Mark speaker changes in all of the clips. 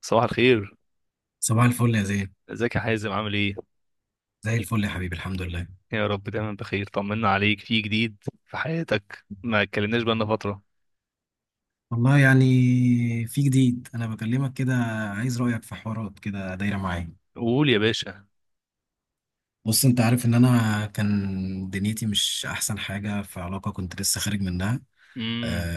Speaker 1: صباح الخير.
Speaker 2: صباح الفل يا زين.
Speaker 1: ازيك يا حازم؟ عامل ايه؟
Speaker 2: زي الفل يا حبيبي، الحمد لله.
Speaker 1: يا رب دايما بخير. طمنا عليك في جديد في حياتك، ما اتكلمناش بقالنا فتره.
Speaker 2: والله يعني في جديد، انا بكلمك كده عايز رأيك في حوارات كده دايرة معايا.
Speaker 1: قول يا باشا.
Speaker 2: بص، انت عارف ان انا كان دنيتي مش احسن حاجة في علاقة كنت لسه خارج منها.
Speaker 1: امم.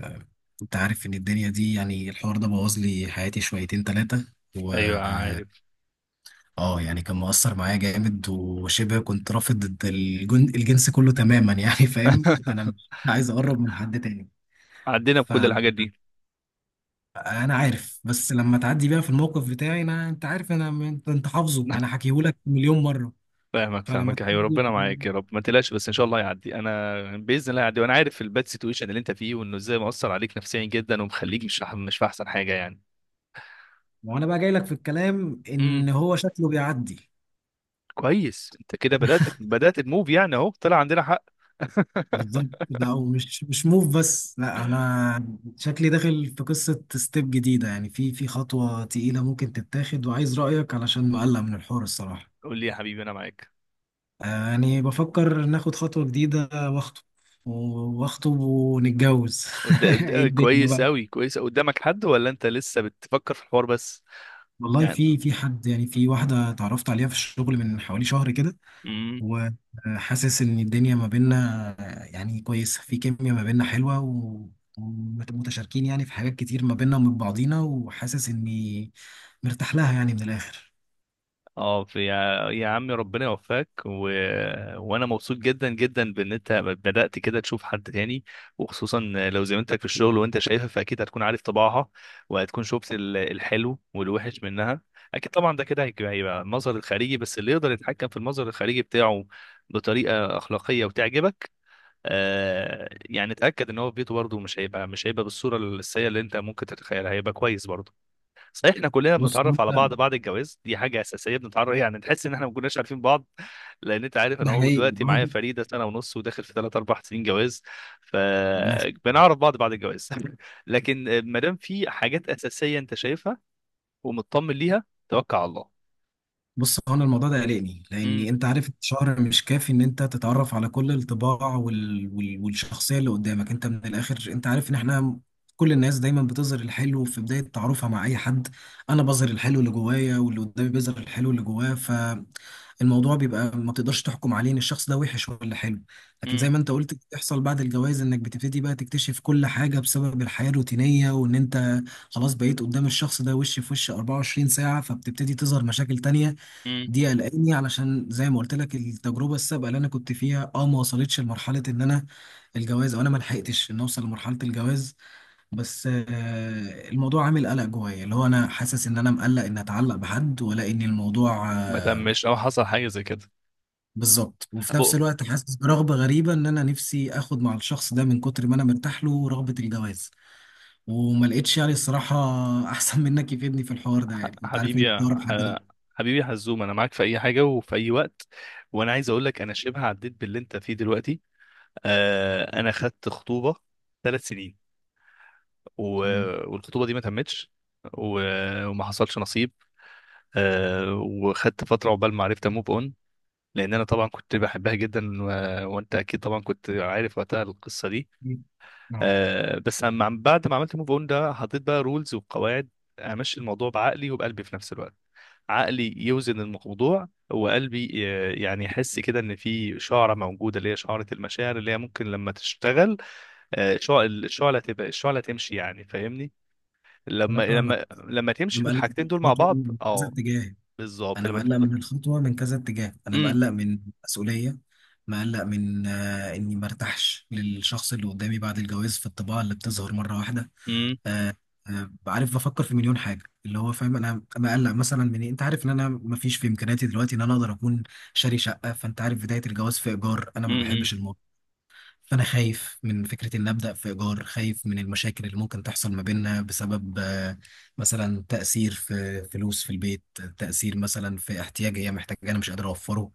Speaker 2: آه، انت عارف ان الدنيا دي يعني الحوار ده بوظ لي حياتي شويتين ثلاثة و
Speaker 1: ايوه عارف.
Speaker 2: اه يعني كان مؤثر معايا جامد، وشبه كنت رافض الجنس كله تماما، يعني فاهم انا مش عايز اقرب من حد تاني.
Speaker 1: عدينا بكل الحاجات دي.
Speaker 2: انا عارف، بس لما تعدي بيها في الموقف بتاعي انا، انت عارف انا، انت حافظه انا حكيهولك مليون مره.
Speaker 1: فاهمك
Speaker 2: فلما
Speaker 1: فاهمك يا حبيبي،
Speaker 2: تعدي،
Speaker 1: ربنا معاك يا رب. ما تقلقش، بس ان شاء الله يعدي. انا باذن الله يعدي، وانا عارف الباد سيتويشن اللي انت فيه وانه ازاي مؤثر عليك نفسيا جدا ومخليك مش في احسن حاجه يعني.
Speaker 2: وانا بقى جاي لك في الكلام ان
Speaker 1: امم.
Speaker 2: هو شكله بيعدي.
Speaker 1: كويس، انت كده بدات تموف يعني، اهو طلع عندنا حق.
Speaker 2: بالظبط، ده او مش موف بس، لا انا شكلي داخل في قصه ستيب جديده، يعني في خطوه تقيله ممكن تتاخد، وعايز رايك علشان مقلق من الحوار الصراحه.
Speaker 1: قول لي يا حبيبي، انا معاك.
Speaker 2: يعني بفكر ناخد خطوه جديده واخطب. واخطب ونتجوز. ايه الدنيا
Speaker 1: كويس
Speaker 2: بقى!
Speaker 1: أوي كويس أوي. قدامك حد ولا أنت لسه بتفكر في الحوار بس؟
Speaker 2: والله
Speaker 1: يعني
Speaker 2: في حد، يعني في واحدة اتعرفت عليها في الشغل من حوالي شهر كده،
Speaker 1: امم.
Speaker 2: وحاسس إن الدنيا ما بيننا يعني كويسة، في كيميا ما بيننا حلوة ومتشاركين يعني في حاجات كتير ما بيننا ومن بعضينا، وحاسس إني مرتاح لها يعني من الآخر.
Speaker 1: اه في يا عمي، ربنا يوفقك وانا مبسوط جدا جدا بان انت بدأت كده تشوف حد تاني. وخصوصا لو زميلتك في الشغل وانت شايفها، فاكيد هتكون عارف طباعها. وهتكون شفت الحلو والوحش منها. اكيد طبعا ده كده هيبقى المظهر الخارجي بس، اللي يقدر يتحكم في المظهر الخارجي بتاعه بطريقة أخلاقية وتعجبك. آه يعني اتاكد ان هو في بيته برضه مش هيبقى بالصوره السيئه اللي انت ممكن تتخيلها، هيبقى كويس برضه. صحيح، احنا كلنا
Speaker 2: بص
Speaker 1: بنتعرف على
Speaker 2: وأنت،
Speaker 1: بعض بعد الجواز، دي حاجه اساسيه. بنتعرف يعني، تحس ان احنا ما كناش عارفين بعض. لان انت عارف، انا
Speaker 2: ده
Speaker 1: هو
Speaker 2: حقيقي.
Speaker 1: دلوقتي معايا فريده سنه ونص وداخل في 3 4 سنين جواز،
Speaker 2: من الآخر.
Speaker 1: فبنعرف بعض بعد الجواز. لكن ما دام في حاجات اساسيه انت شايفها ومطمن ليها، توكل على الله.
Speaker 2: بص، هو انا الموضوع ده قلقني، لاني
Speaker 1: امم.
Speaker 2: انت عارف الشهر مش كافي ان انت تتعرف على كل الطباع والشخصيه اللي قدامك. انت من الاخر انت عارف ان احنا كل الناس دايما بتظهر الحلو في بدايه تعارفها مع اي حد. انا بظهر الحلو اللي جوايا، واللي قدامي بيظهر الحلو اللي جواه. فالموضوع بيبقى ما تقدرش تحكم عليه ان الشخص ده وحش ولا حلو. لكن
Speaker 1: امم.
Speaker 2: زي ما انت قلت، بتحصل بعد الجواز انك بتبتدي بقى تكتشف كل حاجه بسبب الحياه الروتينيه، وان انت خلاص بقيت قدام الشخص ده وش في وش 24 ساعه، فبتبتدي تظهر مشاكل تانية.
Speaker 1: امم.
Speaker 2: دي قلقاني، علشان زي ما قلت لك التجربه السابقه اللي انا كنت فيها اه ما وصلتش لمرحله ان انا الجواز، او انا ما لحقتش ان اوصل لمرحله الجواز. بس آه الموضوع عامل قلق جوايا، اللي هو انا حاسس ان انا مقلق ان اتعلق بحد، ولا ان الموضوع
Speaker 1: ما
Speaker 2: آه
Speaker 1: تمش او حصل حاجه زي كده.
Speaker 2: بالظبط. وفي نفس الوقت حاسس برغبه غريبه، ان انا نفسي اخد مع الشخص ده من كتر ما انا مرتاح له رغبه الجواز. وما لقيتش يعني الصراحه احسن منك يفيدني في الحوار ده، يعني انت عارف ان انت أقرب حد ليا.
Speaker 1: حبيبي يا حزوم، انا معاك في اي حاجه وفي اي وقت. وانا عايز اقول لك، انا شبه عديت باللي انت فيه دلوقتي. آه، انا خدت خطوبه 3 سنين و...
Speaker 2: تمام.
Speaker 1: والخطوبه دي ما تمتش، و... وما حصلش نصيب. آه، وخدت فتره عقبال ما عرفت اموف اون، لان انا طبعا كنت بحبها جدا وانت اكيد طبعا كنت عارف وقتها القصه دي.
Speaker 2: نعم.
Speaker 1: آه، بس بعد ما عملت موف اون ده حطيت بقى رولز وقواعد. امشي الموضوع بعقلي وبقلبي في نفس الوقت. عقلي يوزن الموضوع، وقلبي يعني يحس كده ان في شعره موجوده، اللي هي شعره المشاعر، اللي هي ممكن لما تشتغل الشعله تبقى الشعله تمشي يعني، فاهمني.
Speaker 2: انا
Speaker 1: لما
Speaker 2: فاهمك.
Speaker 1: لما لما
Speaker 2: انا
Speaker 1: تمشي في
Speaker 2: مقلق من
Speaker 1: الحاجتين دول مع
Speaker 2: الخطوه
Speaker 1: بعض
Speaker 2: من كذا
Speaker 1: اه.
Speaker 2: اتجاه.
Speaker 1: بالظبط
Speaker 2: انا
Speaker 1: لما
Speaker 2: مقلق من الخطوه من كذا اتجاه. انا
Speaker 1: امم.
Speaker 2: مقلق من مسؤوليه. مقلق من اني مرتاحش للشخص اللي قدامي بعد الجواز في الطباع اللي بتظهر مره واحده.
Speaker 1: امم.
Speaker 2: آه آه عارف، بفكر في مليون حاجه. اللي هو فاهم انا مقلق مثلا من إيه؟ انت عارف ان انا مفيش في امكانياتي دلوقتي ان انا اقدر اكون شاري شقه، فانت عارف بدايه الجواز في ايجار انا ما
Speaker 1: امم.
Speaker 2: بحبش. فأنا خايف من فكرة إن أبدأ في إيجار، خايف من المشاكل اللي ممكن تحصل ما بيننا بسبب مثلا تأثير في فلوس في البيت، تأثير مثلا في احتياج هي محتاجة أنا مش قادر أوفره.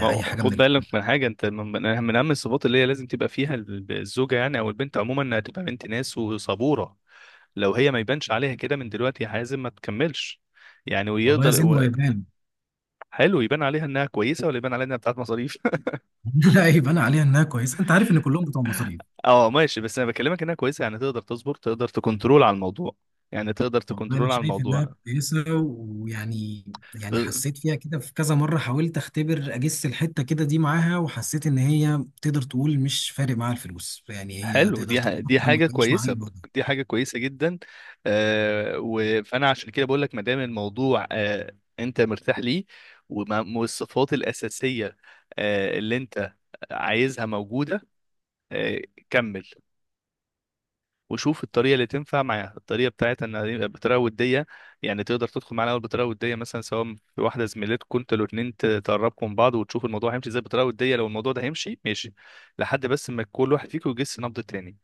Speaker 1: ما
Speaker 2: أي
Speaker 1: هو
Speaker 2: حاجة من
Speaker 1: خد
Speaker 2: الكلام
Speaker 1: بالك من
Speaker 2: ده.
Speaker 1: حاجه، انت من اهم الصفات اللي هي لازم تبقى فيها الزوجه يعني، او البنت عموما، انها تبقى بنت ناس وصبوره. لو هي ما يبانش عليها كده من دلوقتي، لازم ما تكملش. يعني
Speaker 2: والله يا
Speaker 1: ويقدر
Speaker 2: زين هو يبان.
Speaker 1: حلو، يبان عليها انها كويسه ولا يبان عليها انها بتاعت مصاريف؟
Speaker 2: لا، يبان عليها إنها كويسة. أنت عارف إن كلهم بتوع مصاريف.
Speaker 1: اه ماشي، بس انا بكلمك انها كويسه يعني، تقدر تصبر، تقدر تكنترول على الموضوع. يعني تقدر
Speaker 2: والله أنا
Speaker 1: تكنترول على
Speaker 2: شايف إنها
Speaker 1: الموضوع.
Speaker 2: كويسة ويعني، يعني حسيت فيها كده في كذا مرة، حاولت أختبر أجس الحتة كده دي معاها، وحسيت إن هي تقدر تقول مش فارق معاها الفلوس، يعني هي
Speaker 1: حلو،
Speaker 2: تقدر
Speaker 1: دي
Speaker 2: تتفاهم
Speaker 1: حاجة
Speaker 2: وتعيش معايا.
Speaker 1: كويسة. دي حاجة كويسة جدا. فأنا عشان كده بقول لك، ما دام الموضوع أنت مرتاح ليه، والصفات الأساسية اللي أنت عايزها موجودة، آه كمل. وشوف الطريقة اللي تنفع معاها، الطريقة بتاعتها إنها يبقى بطريقة ودية. يعني تقدر تدخل معانا الأول بطريقة ودية، مثلا سواء في واحدة زميلتكم أنتوا الاتنين تقربكم من بعض، وتشوف الموضوع هيمشي إزاي بطريقة ودية. لو الموضوع ده هيمشي، ماشي، لحد بس ما كل واحد فيكم يجس نبض التاني.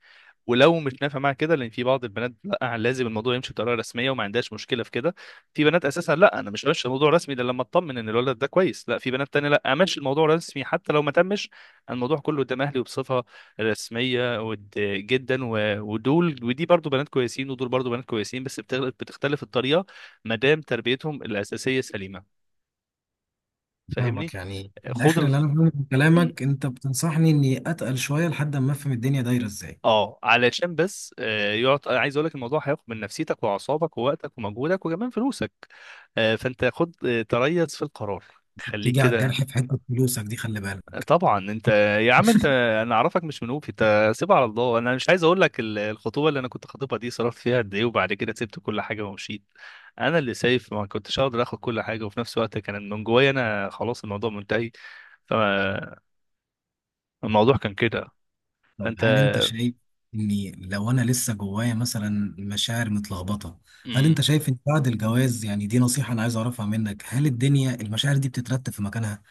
Speaker 1: ولو مش نافع معاها كده، لان في بعض البنات لا، لازم الموضوع يمشي بطريقه رسميه وما عندهاش مشكله في كده. في بنات اساسا لا، انا مش همشي الموضوع رسمي الا لما اطمن ان الولد ده كويس. لا، في بنات تانية لا، امشي الموضوع رسمي حتى لو ما تمش الموضوع كله قدام اهلي وبصفه رسميه جدا ودول ودي برضو بنات كويسين، ودول برضو بنات كويسين، بس بتختلف الطريقه. ما دام تربيتهم الاساسيه سليمه، فاهمني.
Speaker 2: فاهمك. يعني من
Speaker 1: خد
Speaker 2: الاخر
Speaker 1: ال...
Speaker 2: اللي انا فاهمه من كلامك انت بتنصحني اني اتقل شويه لحد ما افهم الدنيا دايره ازاي.
Speaker 1: اه، علشان بس يقعد. أنا عايز اقول لك الموضوع هياخد من نفسيتك واعصابك ووقتك ومجهودك وكمان فلوسك. فانت خد تريث في القرار. خليك
Speaker 2: بتيجي على
Speaker 1: كده.
Speaker 2: الجرح في حته فلوسك دي، خلي بالك.
Speaker 1: طبعا انت، يا عم انت، انا اعرفك مش منوفي. انت سيبها على الله. انا مش عايز اقول لك الخطوبه اللي انا كنت خاطبها دي صرفت فيها قد ايه، وبعد كده سبت كل حاجه ومشيت. انا اللي سايف ما كنتش اقدر اخد كل حاجه، وفي نفس الوقت كان من جوايا انا خلاص الموضوع منتهي. فالموضوع كان كده.
Speaker 2: طب
Speaker 1: فانت
Speaker 2: هل انت شايف اني لو انا لسه جوايا مثلا مشاعر متلخبطه، هل
Speaker 1: مم،
Speaker 2: انت شايف ان بعد الجواز، يعني دي نصيحه انا عايز اعرفها منك، هل الدنيا المشاعر دي بتترتب في مكانها؟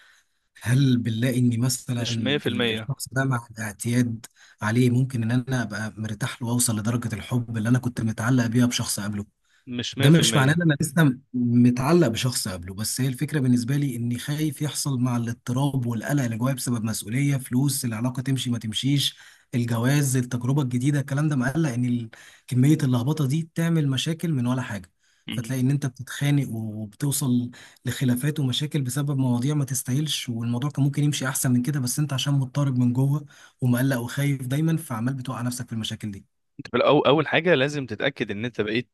Speaker 2: هل بنلاقي اني مثلا
Speaker 1: مش 100%
Speaker 2: الشخص ده مع الاعتياد عليه ممكن ان انا ابقى مرتاح له واوصل لدرجه الحب اللي انا كنت متعلق بيها بشخص قبله؟
Speaker 1: مش
Speaker 2: ده مش معناه ان
Speaker 1: 100%.
Speaker 2: انا لسه متعلق بشخص قبله، بس هي الفكره بالنسبه لي اني خايف يحصل مع الاضطراب والقلق اللي جوايا بسبب مسؤوليه فلوس، العلاقه تمشي ما تمشيش، الجواز، التجربه الجديده، الكلام ده مقلق ان كميه اللخبطه دي تعمل مشاكل من ولا حاجه.
Speaker 1: مم.
Speaker 2: فتلاقي ان انت بتتخانق وبتوصل لخلافات ومشاكل بسبب مواضيع ما تستاهلش، والموضوع كان ممكن يمشي احسن من كده، بس انت عشان مضطرب من جوه ومقلق وخايف دايما، فعمال بتوقع نفسك في المشاكل دي.
Speaker 1: انت في الأول، اول حاجه لازم تتاكد ان انت بقيت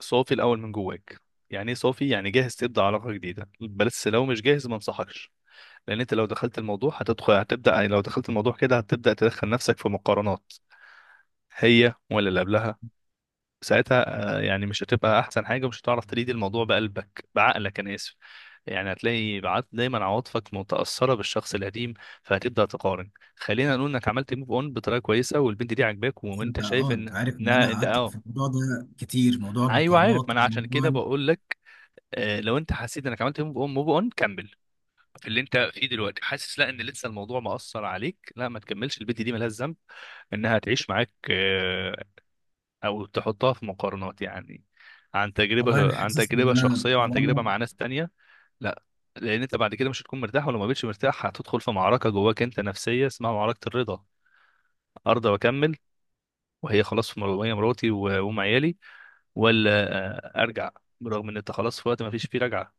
Speaker 1: صافي الاول من جواك. يعني ايه صافي؟ يعني جاهز تبدا علاقه جديده. بس لو مش جاهز، ما انصحكش. لان انت لو دخلت الموضوع هتدخل هتبدا، لو دخلت الموضوع كده هتبدا تدخل نفسك في مقارنات، هي ولا اللي قبلها. ساعتها يعني مش هتبقى احسن حاجه، ومش هتعرف تريد الموضوع بقلبك بعقلك، انا اسف. يعني هتلاقي دايما عواطفك متاثره بالشخص القديم، فهتبدا تقارن. خلينا نقول انك عملت موف اون بطريقه كويسه والبنت دي عاجباك
Speaker 2: بس
Speaker 1: وانت
Speaker 2: انت
Speaker 1: شايف
Speaker 2: اه انت
Speaker 1: ان
Speaker 2: عارف ان
Speaker 1: انها
Speaker 2: انا
Speaker 1: انت
Speaker 2: قعدت
Speaker 1: اه.
Speaker 2: في الموضوع ده كتير، موضوع
Speaker 1: ايوه عارف، ما
Speaker 2: المقارنات
Speaker 1: انا عشان
Speaker 2: وموضوع
Speaker 1: كده بقول لك. لو انت حسيت انك عملت موف اون كمل في اللي انت فيه دلوقتي. حاسس لا ان لسه الموضوع مأثر عليك، لا ما تكملش. البنت دي ملهاش ذنب انها تعيش معاك او تحطها في مقارنات يعني، عن
Speaker 2: والله انا
Speaker 1: تجربه عن
Speaker 2: حاسس ان
Speaker 1: تجربه
Speaker 2: انا
Speaker 1: شخصيه، وعن تجربه
Speaker 2: طالما.
Speaker 1: مع ناس تانية. لا، لان انت بعد كده مش هتكون مرتاح. ولو ما بقتش مرتاح هتدخل في معركه جواك انت نفسيه، اسمها معركه الرضا. ارضى واكمل، وهي خلاص وهي مراتي وام عيالي، ولا ارجع، برغم ان انت خلاص في وقت ما فيش فيه رجعه.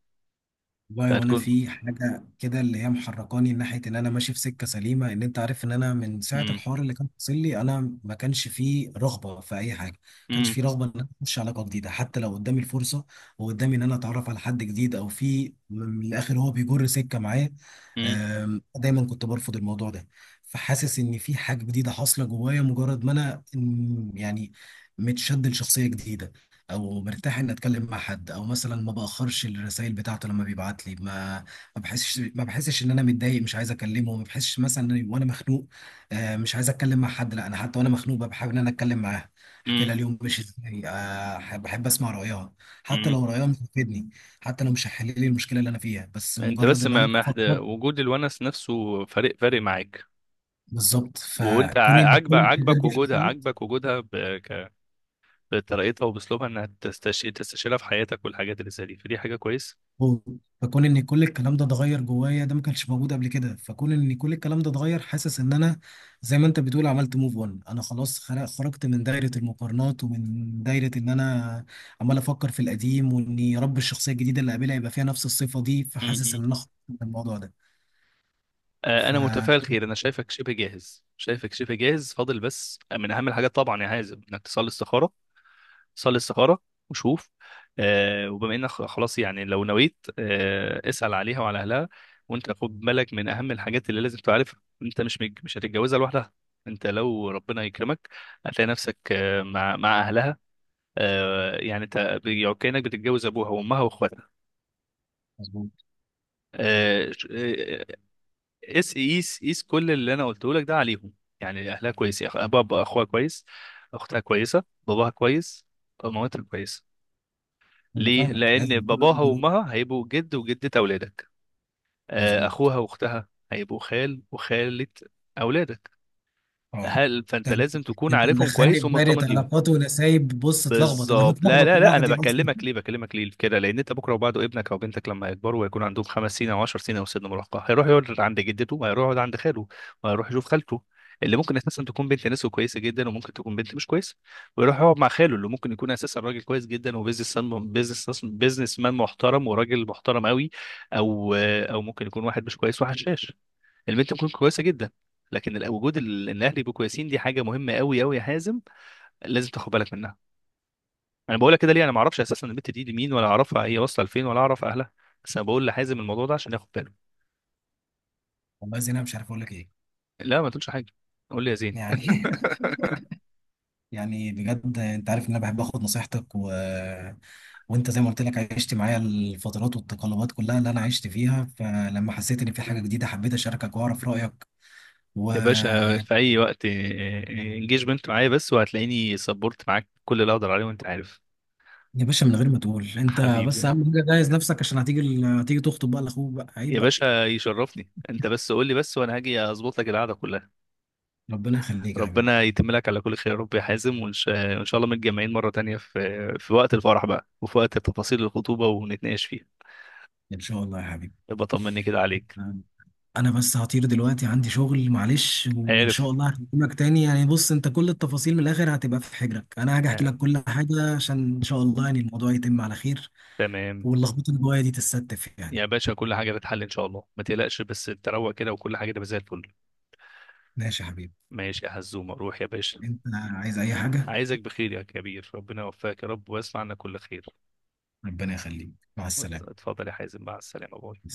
Speaker 2: والله وانا
Speaker 1: فهتكون.
Speaker 2: في حاجه كده اللي هي محركاني ناحيه ان انا ماشي في سكه سليمه، ان انت عارف ان انا من ساعه
Speaker 1: مم،
Speaker 2: الحوار اللي كان حاصل لي انا ما كانش فيه رغبه في اي حاجه، ما كانش
Speaker 1: مم،
Speaker 2: فيه رغبه ان انا اخش علاقه جديده حتى لو قدامي الفرصه، وقدامي ان انا اتعرف على حد جديد، او في من الاخر هو بيجر سكه معايا.
Speaker 1: مم،
Speaker 2: دايما كنت برفض الموضوع ده. فحاسس ان في حاجه جديده حاصله جوايا، مجرد ما انا يعني متشد لشخصيه جديده، او مرتاح اني اتكلم مع حد، او مثلا ما باخرش الرسائل بتاعته لما بيبعت لي، ما بحسش ان انا متضايق مش عايز اكلمه. ما بحسش مثلا إني وانا مخنوق مش عايز اتكلم مع حد، لا انا حتى وانا مخنوق ببقى حابب ان انا اتكلم معاه، احكي
Speaker 1: مم،
Speaker 2: لها اليوم مش ازاي، بحب اسمع رايها، حتى
Speaker 1: مم.
Speaker 2: لو رايها مش هتفيدني، حتى لو مش هتحل لي المشكله اللي انا فيها، بس
Speaker 1: انت
Speaker 2: مجرد
Speaker 1: بس
Speaker 2: ان
Speaker 1: ما
Speaker 2: انا
Speaker 1: ما
Speaker 2: افضفض.
Speaker 1: وجود الونس نفسه فارق فارق معاك.
Speaker 2: بالظبط.
Speaker 1: وانت
Speaker 2: فكون ان
Speaker 1: عاجبك
Speaker 2: كل الحاجات
Speaker 1: عاجبك
Speaker 2: دي
Speaker 1: وجودها،
Speaker 2: حصلت.
Speaker 1: عاجبك وجودها بطريقتها وباسلوبها، انها تستشيرها في حياتك والحاجات اللي زي دي، فدي حاجه كويسه.
Speaker 2: مم. فكون ان كل الكلام ده اتغير جوايا، ده ما كانش موجود قبل كده، فكون ان كل الكلام ده اتغير، حاسس ان انا زي ما انت بتقول عملت موف اون. انا خلاص خرجت من دايره المقارنات، ومن دايره ان انا عمال افكر في القديم، وان يا رب الشخصيه الجديده اللي قابلها يبقى فيها نفس الصفه دي.
Speaker 1: م-
Speaker 2: فحاسس
Speaker 1: م.
Speaker 2: ان انا خرجت من الموضوع ده. ف
Speaker 1: انا متفائل خير. انا شايفك شبه جاهز، شايفك شبه جاهز، فاضل بس من اهم الحاجات طبعا يا حازم انك تصلي استخاره. صلي استخاره وشوف. وبما انك خلاص يعني لو نويت، اسال عليها وعلى اهلها. وانت خد بالك، من اهم الحاجات اللي لازم تعرفها، انت مش هتتجوزها لوحدها. انت لو ربنا يكرمك هتلاقي نفسك مع اهلها. يعني انت كانك بتتجوز ابوها وامها واخواتها.
Speaker 2: مظبوط.
Speaker 1: آه، ش- آه، قيس قيس قيس كل اللي انا قلته لك ده عليهم. يعني اهلها كويس، بابا اخوها كويس، اختها كويسه، باباها كويس، مامتها كويسه.
Speaker 2: انا
Speaker 1: ليه؟
Speaker 2: فاهمك،
Speaker 1: لان
Speaker 2: لازم كل ده
Speaker 1: باباها
Speaker 2: ضروري.
Speaker 1: وامها هيبقوا جد وجده اولادك.
Speaker 2: مظبوط.
Speaker 1: اخوها واختها هيبقوا خال وخاله اولادك.
Speaker 2: اه.
Speaker 1: فانت
Speaker 2: انت
Speaker 1: لازم تكون
Speaker 2: أنت
Speaker 1: عارفهم
Speaker 2: مدخلني
Speaker 1: كويس
Speaker 2: في دايره
Speaker 1: ومطمن ليهم.
Speaker 2: علاقات ونسايب. بص، اتلخبط، انا
Speaker 1: بالظبط. لا
Speaker 2: متلخبط
Speaker 1: لا لا، انا
Speaker 2: لوحدي اصلا.
Speaker 1: بكلمك ليه، بكلمك ليه كده، لان انت بكره وبعده ابنك او بنتك لما يكبروا ويكون عندهم 5 سنين او 10 سنين او سن مراهقه، هيروح يقعد عند جدته، وهيروح يقعد عند خاله، وهيروح يشوف خالته اللي ممكن اساسا تكون بنت ناس كويسه جدا، وممكن تكون بنت مش كويسه. ويروح يقعد مع خاله اللي ممكن يكون اساسا راجل كويس جدا، وبيزنس بيزنس بيزنس مان محترم وراجل محترم قوي. او ممكن يكون واحد مش كويس، واحد شاش. البنت ممكن كويسه جدا، لكن وجود ان الاهل يبقوا كويسين دي حاجه مهمه قوي قوي يا حازم. لازم تاخد بالك. انا بقولها كده ليه؟ انا ما اعرفش اساسا البت دي مين، ولا اعرفها هي واصله لفين، ولا اعرف اهلها، بس انا بقول لحازم الموضوع ده عشان ياخد باله.
Speaker 2: والله زين انا مش عارف اقول لك ايه.
Speaker 1: لا ما تقولش حاجه. قول لي يا زين.
Speaker 2: يعني يعني بجد انت عارف ان انا بحب اخد نصيحتك وانت زي ما قلت لك عشت معايا الفترات والتقلبات كلها اللي انا عشت فيها، فلما حسيت ان في حاجه جديده حبيت اشاركك واعرف رايك و
Speaker 1: يا باشا، في اي وقت انجيجمنت معايا بس، وهتلاقيني سبورت معاك كل اللي اقدر عليه وانت عارف.
Speaker 2: يا باشا من غير ما تقول انت. بس
Speaker 1: حبيبي.
Speaker 2: اهم حاجه جهز نفسك، عشان هتيجي هتيجي تخطب بقى لاخوك بقى، عيب
Speaker 1: يا
Speaker 2: بقى.
Speaker 1: باشا يشرفني، انت بس قول لي بس وانا هاجي اظبط لك القعده كلها.
Speaker 2: ربنا يخليك يا حبيبي.
Speaker 1: ربنا يتم لك على كل خير يا رب يا حازم، وان شاء وإن شاء الله متجمعين مره تانية في وقت الفرح بقى، وفي وقت تفاصيل الخطوبه ونتناقش فيها.
Speaker 2: ان شاء الله يا حبيبي.
Speaker 1: يبقى طمني كده عليك.
Speaker 2: انا بس هطير دلوقتي عندي شغل، معلش، وان شاء
Speaker 1: عارف.
Speaker 2: الله هكلمك تاني. يعني بص، انت كل التفاصيل من الاخر هتبقى في حجرك، انا هاجي احكي
Speaker 1: آه.
Speaker 2: لك كل حاجه عشان ان شاء الله يعني الموضوع يتم على خير،
Speaker 1: تمام.
Speaker 2: واللخبطه اللي جوايا دي تتستف يعني.
Speaker 1: يا باشا كل حاجة بتحل إن شاء الله، ما تقلقش، بس أنت روق كده وكل حاجة تبقى زي الفل.
Speaker 2: ماشي يا حبيبي.
Speaker 1: ماشي يا حزومة، روح يا باشا.
Speaker 2: انت عايز اي حاجه؟
Speaker 1: عايزك بخير يا كبير، ربنا يوفقك يا رب ويصنع عنا كل خير.
Speaker 2: ربنا يخليك، مع السلامه.
Speaker 1: اتفضل يا حازم، مع السلامة، باي.